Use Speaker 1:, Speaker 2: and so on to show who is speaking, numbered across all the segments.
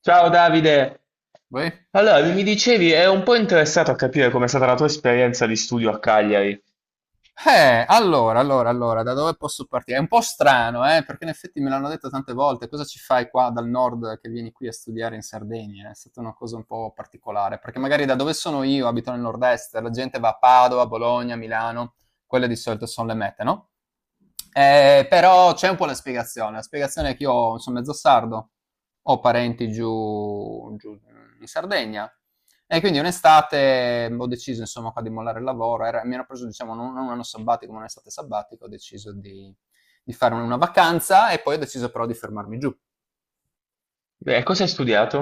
Speaker 1: Ciao Davide!
Speaker 2: Voi?
Speaker 1: Allora, mi dicevi, ero un po' interessato a capire com'è stata la tua esperienza di studio a Cagliari.
Speaker 2: Allora, da dove posso partire? È un po' strano, perché in effetti me l'hanno detto tante volte, cosa ci fai qua dal nord che vieni qui a studiare in Sardegna? È stata una cosa un po' particolare, perché magari da dove sono io, abito nel nord-est, la gente va a Padova, Bologna, Milano, quelle di solito sono le mete, no? Però c'è un po' la spiegazione è che io sono mezzo sardo, ho parenti giù, giù in Sardegna. E quindi un'estate ho deciso insomma qua di mollare il lavoro, mi ero preso diciamo non un anno sabbatico, ma un'estate sabbatica, ho deciso di, fare una vacanza e poi ho deciso però di fermarmi giù.
Speaker 1: Beh, cosa hai studiato?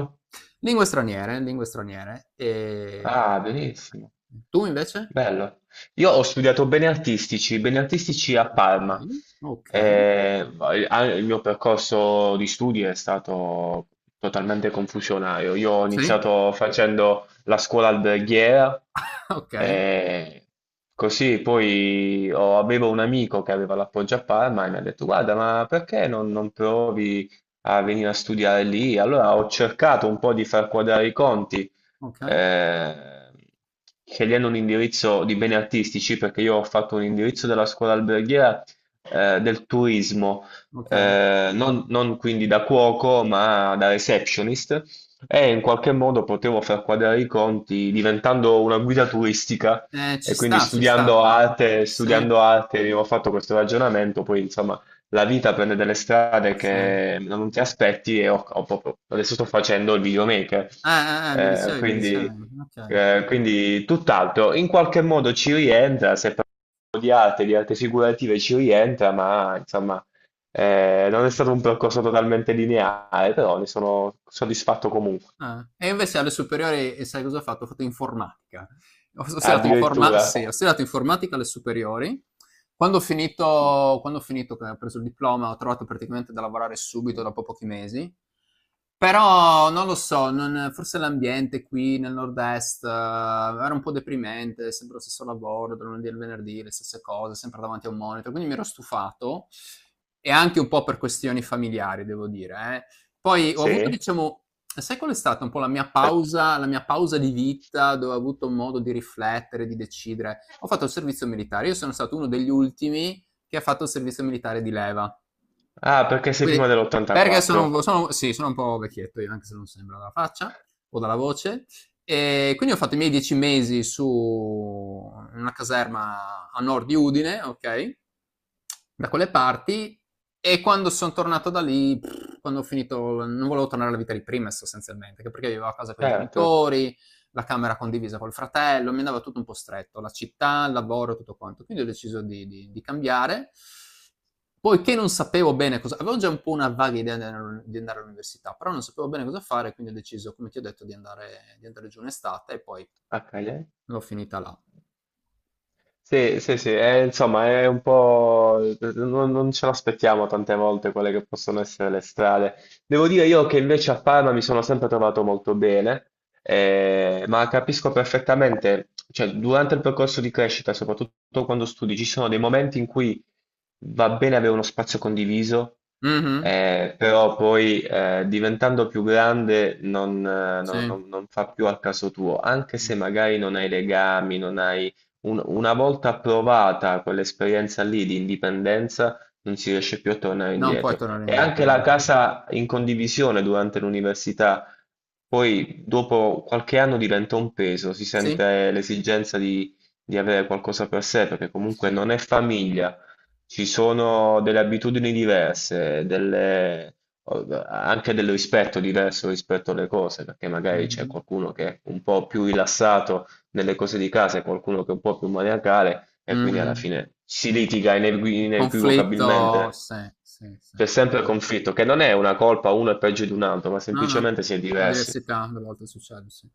Speaker 2: Lingue straniere, lingue straniere. E...
Speaker 1: Ah, benissimo.
Speaker 2: Tu invece?
Speaker 1: Bello. Io ho studiato beni artistici a Parma.
Speaker 2: Ok, ok.
Speaker 1: Il mio percorso di studi è stato totalmente confusionario. Io ho
Speaker 2: Sì,
Speaker 1: iniziato facendo la scuola alberghiera,
Speaker 2: ok,
Speaker 1: eh, così poi avevo un amico che aveva l'appoggio a Parma e mi ha detto: Guarda, ma perché non provi a venire a studiare lì? Allora ho cercato un po' di far quadrare i conti
Speaker 2: ok,
Speaker 1: eh, scegliendo un indirizzo di beni artistici, perché io ho fatto un indirizzo della scuola alberghiera del turismo,
Speaker 2: ok.
Speaker 1: non quindi da cuoco, ma da receptionist, e in qualche modo potevo far quadrare i conti diventando una guida turistica.
Speaker 2: Ci
Speaker 1: E quindi
Speaker 2: sta, ci sta. Sì,
Speaker 1: studiando arte, abbiamo fatto questo ragionamento, poi insomma la vita prende delle strade
Speaker 2: sì.
Speaker 1: che non ti aspetti e adesso sto facendo il videomaker.
Speaker 2: Mi
Speaker 1: Eh,
Speaker 2: ricevi, mi ricevi.
Speaker 1: quindi,
Speaker 2: Ok.
Speaker 1: quindi tutt'altro. In qualche modo ci rientra, se parlo di arte figurative ci rientra, ma insomma, non è stato un percorso totalmente lineare, però ne sono soddisfatto comunque.
Speaker 2: Ah, e invece alle superiori, e sai cosa ho fatto? Ho fatto informatica. Ho studiato. Ah, sì, ho
Speaker 1: Addirittura,
Speaker 2: super. Studiato informatica alle superiori. Quando ho finito, che ho preso il diploma, ho trovato praticamente da lavorare subito, dopo pochi mesi. Però non lo so, forse l'ambiente qui nel nord-est era un po' deprimente, sempre lo stesso lavoro, dal lunedì al venerdì, le stesse cose, sempre davanti a un monitor, quindi mi ero stufato e anche un po' per questioni familiari, devo dire, eh. Poi ho avuto,
Speaker 1: sì.
Speaker 2: diciamo, sai qual è stata un po' la mia pausa di vita dove ho avuto modo di riflettere, di decidere? Ho fatto il servizio militare. Io sono stato uno degli ultimi che ha fatto il servizio militare di leva.
Speaker 1: Ah, perché sei
Speaker 2: Quindi,
Speaker 1: prima
Speaker 2: perché sono,
Speaker 1: dell'84.
Speaker 2: sì, sono un po' vecchietto io, anche se non sembra dalla faccia o dalla voce. E quindi ho fatto i miei 10 mesi su una caserma a nord di Udine, ok? Da quelle parti. E quando sono tornato da lì, quando ho finito, non volevo tornare alla vita di prima sostanzialmente, anche perché vivevo a casa con i
Speaker 1: Certo,
Speaker 2: genitori, la camera condivisa col fratello, mi andava tutto un po' stretto, la città, il lavoro, tutto quanto. Quindi ho deciso di, cambiare. Poiché non sapevo bene cosa, avevo già un po' una vaga idea di andare all'università, però non sapevo bene cosa fare, quindi ho deciso, come ti ho detto, di andare giù in estate e poi
Speaker 1: a Cagliari.
Speaker 2: l'ho finita là.
Speaker 1: Sì, sì, sì, insomma è un po'... non ce l'aspettiamo tante volte quelle che possono essere le strade. Devo dire io che invece a Parma mi sono sempre trovato molto bene, ma capisco perfettamente, cioè durante il percorso di crescita, soprattutto quando studi, ci sono dei momenti in cui va bene avere uno spazio condiviso,
Speaker 2: Mhm,
Speaker 1: però poi diventando più grande non, eh,
Speaker 2: sì.
Speaker 1: non
Speaker 2: Mm.
Speaker 1: non- non fa più al caso tuo, anche se magari non hai legami, non hai una volta provata quell'esperienza lì di indipendenza, non si riesce più a tornare
Speaker 2: Non puoi
Speaker 1: indietro.
Speaker 2: tornare
Speaker 1: E
Speaker 2: indietro.
Speaker 1: anche
Speaker 2: No,
Speaker 1: la
Speaker 2: no, no.
Speaker 1: casa in condivisione durante l'università, poi dopo qualche anno diventa un peso, si
Speaker 2: Sì?
Speaker 1: sente l'esigenza di avere qualcosa per sé, perché
Speaker 2: Sì.
Speaker 1: comunque non è famiglia, ci sono delle abitudini diverse, delle anche del rispetto diverso rispetto alle cose, perché magari c'è
Speaker 2: Mh-mh.
Speaker 1: qualcuno che è un po' più rilassato nelle cose di casa, e qualcuno che è un po' più maniacale e quindi
Speaker 2: Mh-mh.
Speaker 1: alla fine si litiga
Speaker 2: Il conflitto,
Speaker 1: inequivocabilmente.
Speaker 2: sì, sì, sì.
Speaker 1: C'è sempre il conflitto, che non è una colpa uno è peggio di un altro, ma
Speaker 2: No, no,
Speaker 1: semplicemente si è diversi.
Speaker 2: l'università alle volte succede, sì.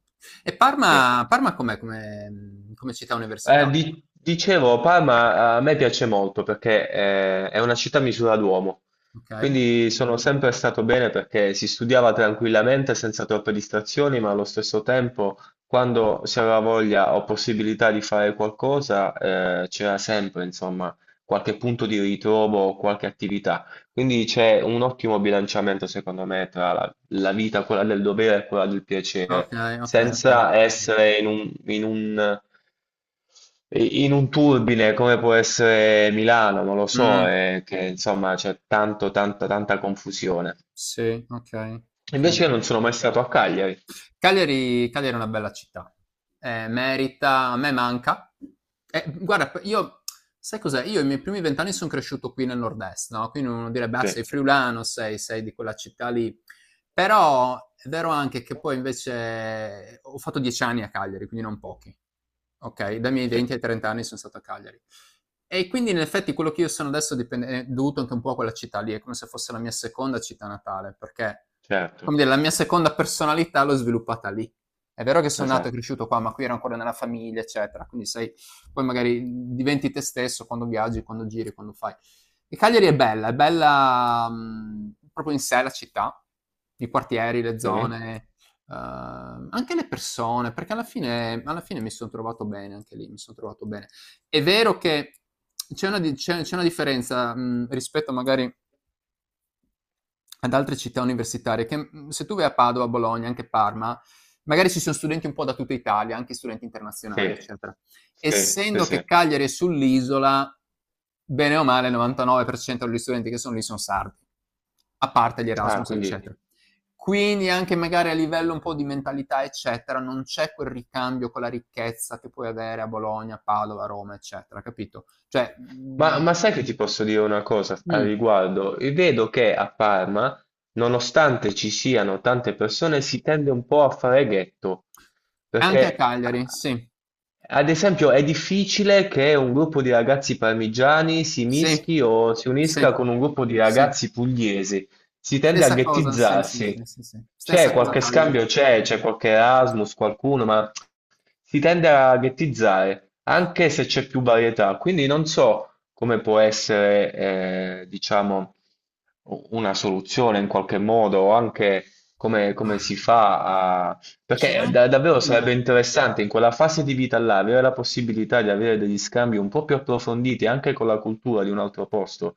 Speaker 2: E
Speaker 1: Sì.
Speaker 2: Parma com'è come come città
Speaker 1: Eh,
Speaker 2: universitaria?
Speaker 1: di- dicevo, Parma a me piace molto perché è una città a misura d'uomo,
Speaker 2: Okay.
Speaker 1: quindi sono sempre stato bene perché si studiava tranquillamente senza troppe distrazioni, ma allo stesso tempo, quando si aveva voglia o possibilità di fare qualcosa, c'era sempre, insomma, qualche punto di ritrovo o qualche attività. Quindi c'è un ottimo bilanciamento, secondo me, tra la vita, quella del dovere e quella del piacere,
Speaker 2: Okay, okay, okay.
Speaker 1: senza essere in un turbine come può essere Milano, non lo
Speaker 2: Mh,
Speaker 1: so, è che insomma c'è tanta confusione.
Speaker 2: sì, okay, okay.
Speaker 1: Invece io non sono mai stato a Cagliari.
Speaker 2: Cagliari è una bella città. Merita, a me manca. Guarda, sai cos'è? Io i miei primi vent'anni sono cresciuto qui nel nord-est, no? Quindi uno direbbe, ah,
Speaker 1: Sì,
Speaker 2: sei friulano, sei di quella città lì. Però è vero anche che poi invece ho fatto 10 anni a Cagliari, quindi non pochi. Ok, dai miei
Speaker 1: sì,
Speaker 2: 20 ai 30 anni sono stato a Cagliari. E quindi in effetti quello che io sono adesso è dovuto anche un po' a quella città lì, è come se fosse la mia seconda città natale, perché
Speaker 1: certo,
Speaker 2: come dire, la mia seconda personalità l'ho sviluppata lì. È vero che sono nato e
Speaker 1: esatto.
Speaker 2: cresciuto qua, ma qui ero ancora nella famiglia, eccetera. Quindi sai, poi magari diventi te stesso quando viaggi, quando giri, quando fai. E Cagliari è bella proprio in sé la città, i quartieri, le
Speaker 1: Sì,
Speaker 2: zone, anche le persone, perché alla fine mi sono trovato bene anche lì, mi sono trovato bene. È vero che c'è una, c'è una differenza rispetto magari ad altre città universitarie, che se tu vai a Padova, Bologna, anche Parma, magari ci sono studenti un po' da tutta Italia, anche studenti
Speaker 1: sì,
Speaker 2: internazionali, eccetera.
Speaker 1: sì, sì,
Speaker 2: Essendo che
Speaker 1: sì.
Speaker 2: Cagliari è sull'isola, bene o male il 99% degli studenti che sono lì sono sardi, a parte gli
Speaker 1: Ah,
Speaker 2: Erasmus,
Speaker 1: quindi...
Speaker 2: eccetera. Quindi anche magari a livello un po' di mentalità, eccetera, non c'è quel ricambio con la ricchezza che puoi avere a Bologna, Padova, Roma, eccetera, capito? Cioè,
Speaker 1: Ma, ma sai che ti posso dire una cosa al riguardo? Vedo che a Parma, nonostante ci siano tante persone, si tende un po' a fare ghetto,
Speaker 2: anche a
Speaker 1: perché
Speaker 2: Cagliari, sì.
Speaker 1: ad esempio, è difficile che un gruppo di ragazzi parmigiani si
Speaker 2: Sì,
Speaker 1: mischi o si unisca
Speaker 2: sì,
Speaker 1: con un gruppo di
Speaker 2: sì.
Speaker 1: ragazzi pugliesi. Si tende a
Speaker 2: Stessa cosa, sì, sì, sì,
Speaker 1: ghettizzarsi.
Speaker 2: sì, sì.
Speaker 1: C'è
Speaker 2: Stessa cosa a
Speaker 1: qualche
Speaker 2: Cagliari.
Speaker 1: scambio, c'è qualche Erasmus, qualcuno, ma si tende a ghettizzare, anche se c'è più varietà. Quindi non so come può essere, diciamo, una soluzione in qualche modo, o anche come, come
Speaker 2: Ah,
Speaker 1: si fa
Speaker 2: c'è
Speaker 1: perché
Speaker 2: anche,
Speaker 1: davvero
Speaker 2: mh,
Speaker 1: sarebbe interessante in quella fase di vita là avere la possibilità di avere degli scambi un po' più approfonditi anche con la cultura di un altro posto.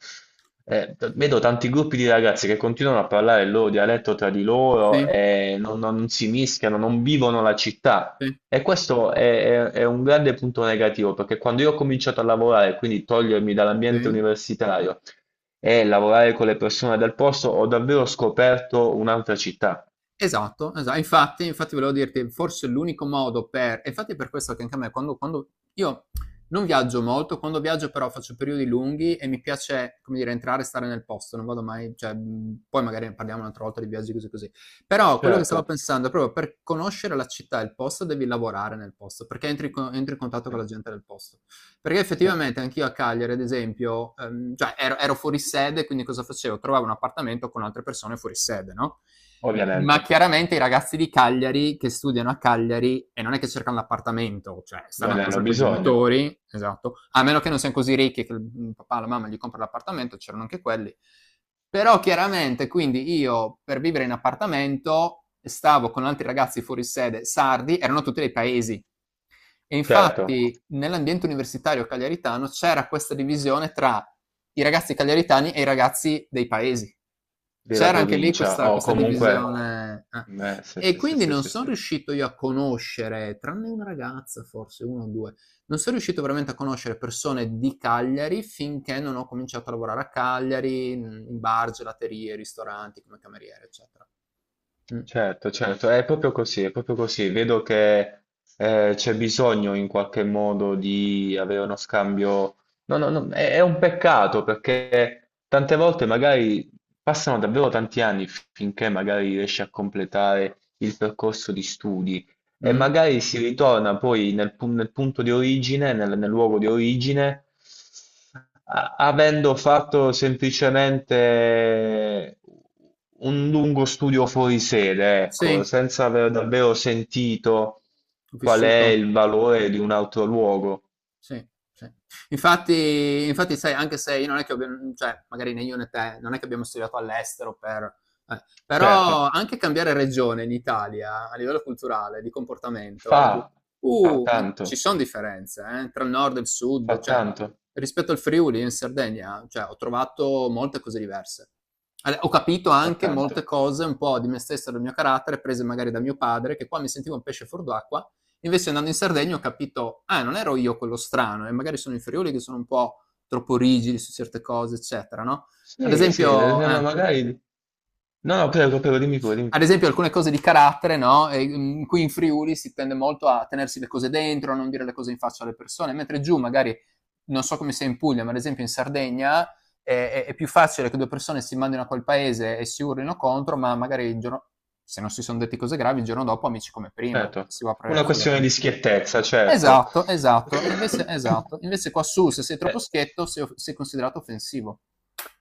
Speaker 1: Vedo tanti gruppi di ragazzi che continuano a parlare il loro dialetto tra di
Speaker 2: sì,
Speaker 1: loro e non si mischiano, non vivono la città.
Speaker 2: sì,
Speaker 1: E è un grande punto negativo, perché quando io ho cominciato a lavorare, quindi togliermi dall'ambiente
Speaker 2: sì.
Speaker 1: universitario e lavorare con le persone del posto, ho davvero scoperto un'altra città.
Speaker 2: Esatto, esa infatti volevo dirti, forse l'unico modo per e infatti è per questo che anche a me quando io non viaggio molto, quando viaggio però faccio periodi lunghi e mi piace, come dire, entrare e stare nel posto, non vado mai cioè, poi magari ne parliamo un'altra volta di viaggi così, così. Però quello che
Speaker 1: Certo.
Speaker 2: stavo pensando è proprio per conoscere la città e il posto devi lavorare nel posto, perché entri in contatto
Speaker 1: Sì.
Speaker 2: con la gente del posto. Perché
Speaker 1: Sì,
Speaker 2: effettivamente anch'io a Cagliari, ad esempio, cioè ero fuori sede, quindi cosa facevo? Trovavo un appartamento con altre persone fuori sede, no? Ma
Speaker 1: ovviamente,
Speaker 2: chiaramente i ragazzi di Cagliari che studiano a Cagliari e non è che cercano l'appartamento, cioè stanno
Speaker 1: non
Speaker 2: a
Speaker 1: ne hanno
Speaker 2: casa con i
Speaker 1: bisogno,
Speaker 2: genitori, esatto, a meno che non siano così ricchi che il papà o la mamma gli compra l'appartamento, c'erano anche quelli. Però chiaramente, quindi io per vivere in appartamento stavo con altri ragazzi fuori sede sardi, erano tutti dei paesi, e
Speaker 1: certo,
Speaker 2: infatti nell'ambiente universitario cagliaritano c'era questa divisione tra i ragazzi cagliaritani e i ragazzi dei paesi.
Speaker 1: della
Speaker 2: C'era anche lì
Speaker 1: provincia
Speaker 2: questa,
Speaker 1: o comunque,
Speaker 2: divisione. Eh.
Speaker 1: sì,
Speaker 2: E
Speaker 1: sì, sì,
Speaker 2: quindi
Speaker 1: sì,
Speaker 2: non
Speaker 1: sì,
Speaker 2: sono
Speaker 1: sì.
Speaker 2: riuscito io a conoscere, tranne una ragazza, forse uno o due, non sono riuscito veramente a conoscere persone di Cagliari finché non ho cominciato a lavorare a Cagliari, in bar, gelaterie, ristoranti, come cameriere, eccetera. Mm.
Speaker 1: Certo, certo, è proprio così, è proprio così. Vedo che c'è bisogno in qualche modo di avere uno scambio. No, no, no, è un peccato perché tante volte magari passano davvero tanti anni finché magari riesci a completare il percorso di studi. E
Speaker 2: Mm.
Speaker 1: magari si ritorna poi nel punto di origine, nel luogo di origine, avendo fatto semplicemente un lungo studio fuori sede, ecco,
Speaker 2: Sì,
Speaker 1: senza aver davvero sentito
Speaker 2: ho
Speaker 1: qual è
Speaker 2: vissuto.
Speaker 1: il valore di un altro luogo.
Speaker 2: Sì, sì. Infatti sai, anche se io non è che abbia, cioè magari né io né te, non è che abbiamo studiato all'estero,
Speaker 1: Certo,
Speaker 2: però anche cambiare regione in Italia, a livello culturale, di
Speaker 1: fa,
Speaker 2: comportamento, di
Speaker 1: fa
Speaker 2: ma ci
Speaker 1: tanto,
Speaker 2: son differenze, tra il nord e il sud,
Speaker 1: fa
Speaker 2: cioè
Speaker 1: tanto,
Speaker 2: rispetto al Friuli in Sardegna, cioè ho trovato molte cose diverse. Ale ho capito
Speaker 1: fa
Speaker 2: anche molte
Speaker 1: tanto.
Speaker 2: cose un po' di me stesso e del mio carattere prese magari da mio padre, che qua mi sentivo un pesce fuor d'acqua. Invece andando in Sardegna ho capito, ah, non ero io quello strano, e magari sono i friuli che sono un po' troppo rigidi su certe cose, eccetera, no? Ad
Speaker 1: Sì, sì,
Speaker 2: esempio,
Speaker 1: ma
Speaker 2: eh,
Speaker 1: magari... No, no, prego, prego, dimmi pure, dimmi
Speaker 2: ad
Speaker 1: pure.
Speaker 2: esempio alcune cose di carattere, no? Qui in Friuli si tende molto a tenersi le cose dentro, a non dire le cose in faccia alle persone, mentre giù magari, non so come sia in Puglia, ma ad esempio in Sardegna è più facile che due persone si mandino a quel paese e si urlino contro, ma magari il giorno, se non si sono detti cose gravi, il giorno dopo amici come prima,
Speaker 1: Certo,
Speaker 2: si va a
Speaker 1: una
Speaker 2: fuori a.
Speaker 1: questione di schiettezza, certo.
Speaker 2: Esatto, esatto. Invece esatto. Invece qua su, se sei
Speaker 1: Eh,
Speaker 2: troppo schietto, sei considerato offensivo.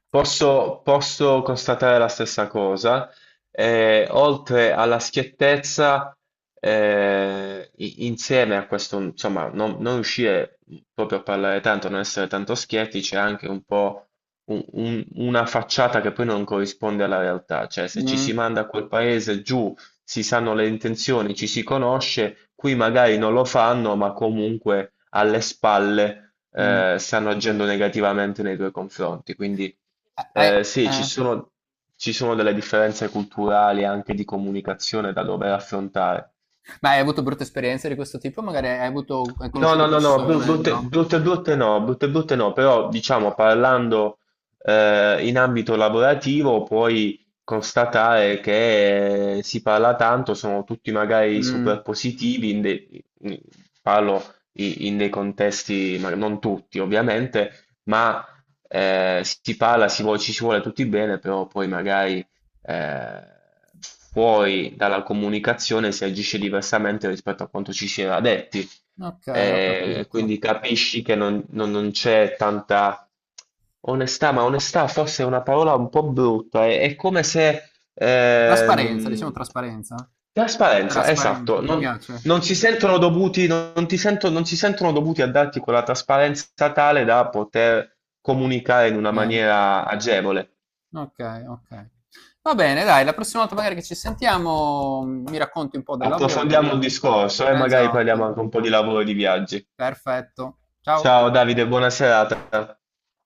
Speaker 1: Posso, posso constatare la stessa cosa. Oltre alla schiettezza, insieme a questo, insomma, non riuscire proprio a parlare tanto, non essere tanto schietti, c'è anche un po' una facciata che poi non corrisponde alla realtà. Cioè, se ci
Speaker 2: Mm,
Speaker 1: si manda a quel paese giù, si sanno le intenzioni, ci si conosce, qui magari non lo fanno, ma comunque alle spalle
Speaker 2: mm.
Speaker 1: stanno agendo negativamente nei tuoi confronti. Quindi
Speaker 2: Ah,
Speaker 1: sì,
Speaker 2: eh.
Speaker 1: ci sono delle differenze culturali e anche di comunicazione da dover affrontare.
Speaker 2: Ma hai avuto brutte esperienze di questo tipo? Magari hai avuto, hai
Speaker 1: No, no,
Speaker 2: conosciuto
Speaker 1: no, no,
Speaker 2: persone,
Speaker 1: brutte,
Speaker 2: no?
Speaker 1: brutte, brutte no, però diciamo parlando in ambito lavorativo puoi constatare che si parla tanto, sono tutti magari
Speaker 2: Mm.
Speaker 1: super positivi, in dei- in- parlo i- in, dei contesti, ma non tutti ovviamente, ma si parla, ci si vuole tutti bene, però poi magari eh, fuori dalla comunicazione si agisce diversamente rispetto a quanto ci si era detti.
Speaker 2: Ok, ho capito.
Speaker 1: Quindi capisci che non c'è tanta onestà, ma onestà forse è una parola un po' brutta, è come se...
Speaker 2: Trasparenza, diciamo trasparenza.
Speaker 1: trasparenza,
Speaker 2: Trasparenza,
Speaker 1: esatto,
Speaker 2: ti piace?
Speaker 1: non si sentono dovuti, non si sentono dovuti a darti quella trasparenza tale da poter comunicare in una
Speaker 2: Eh,
Speaker 1: maniera agevole.
Speaker 2: Ok, ok. Va bene, dai, la prossima volta magari che ci sentiamo, mi racconti un po' del lavoro.
Speaker 1: Approfondiamo il discorso e magari parliamo
Speaker 2: Esatto,
Speaker 1: anche un po' di lavoro e di viaggi.
Speaker 2: perfetto. Ciao.
Speaker 1: Ciao Davide, buona serata.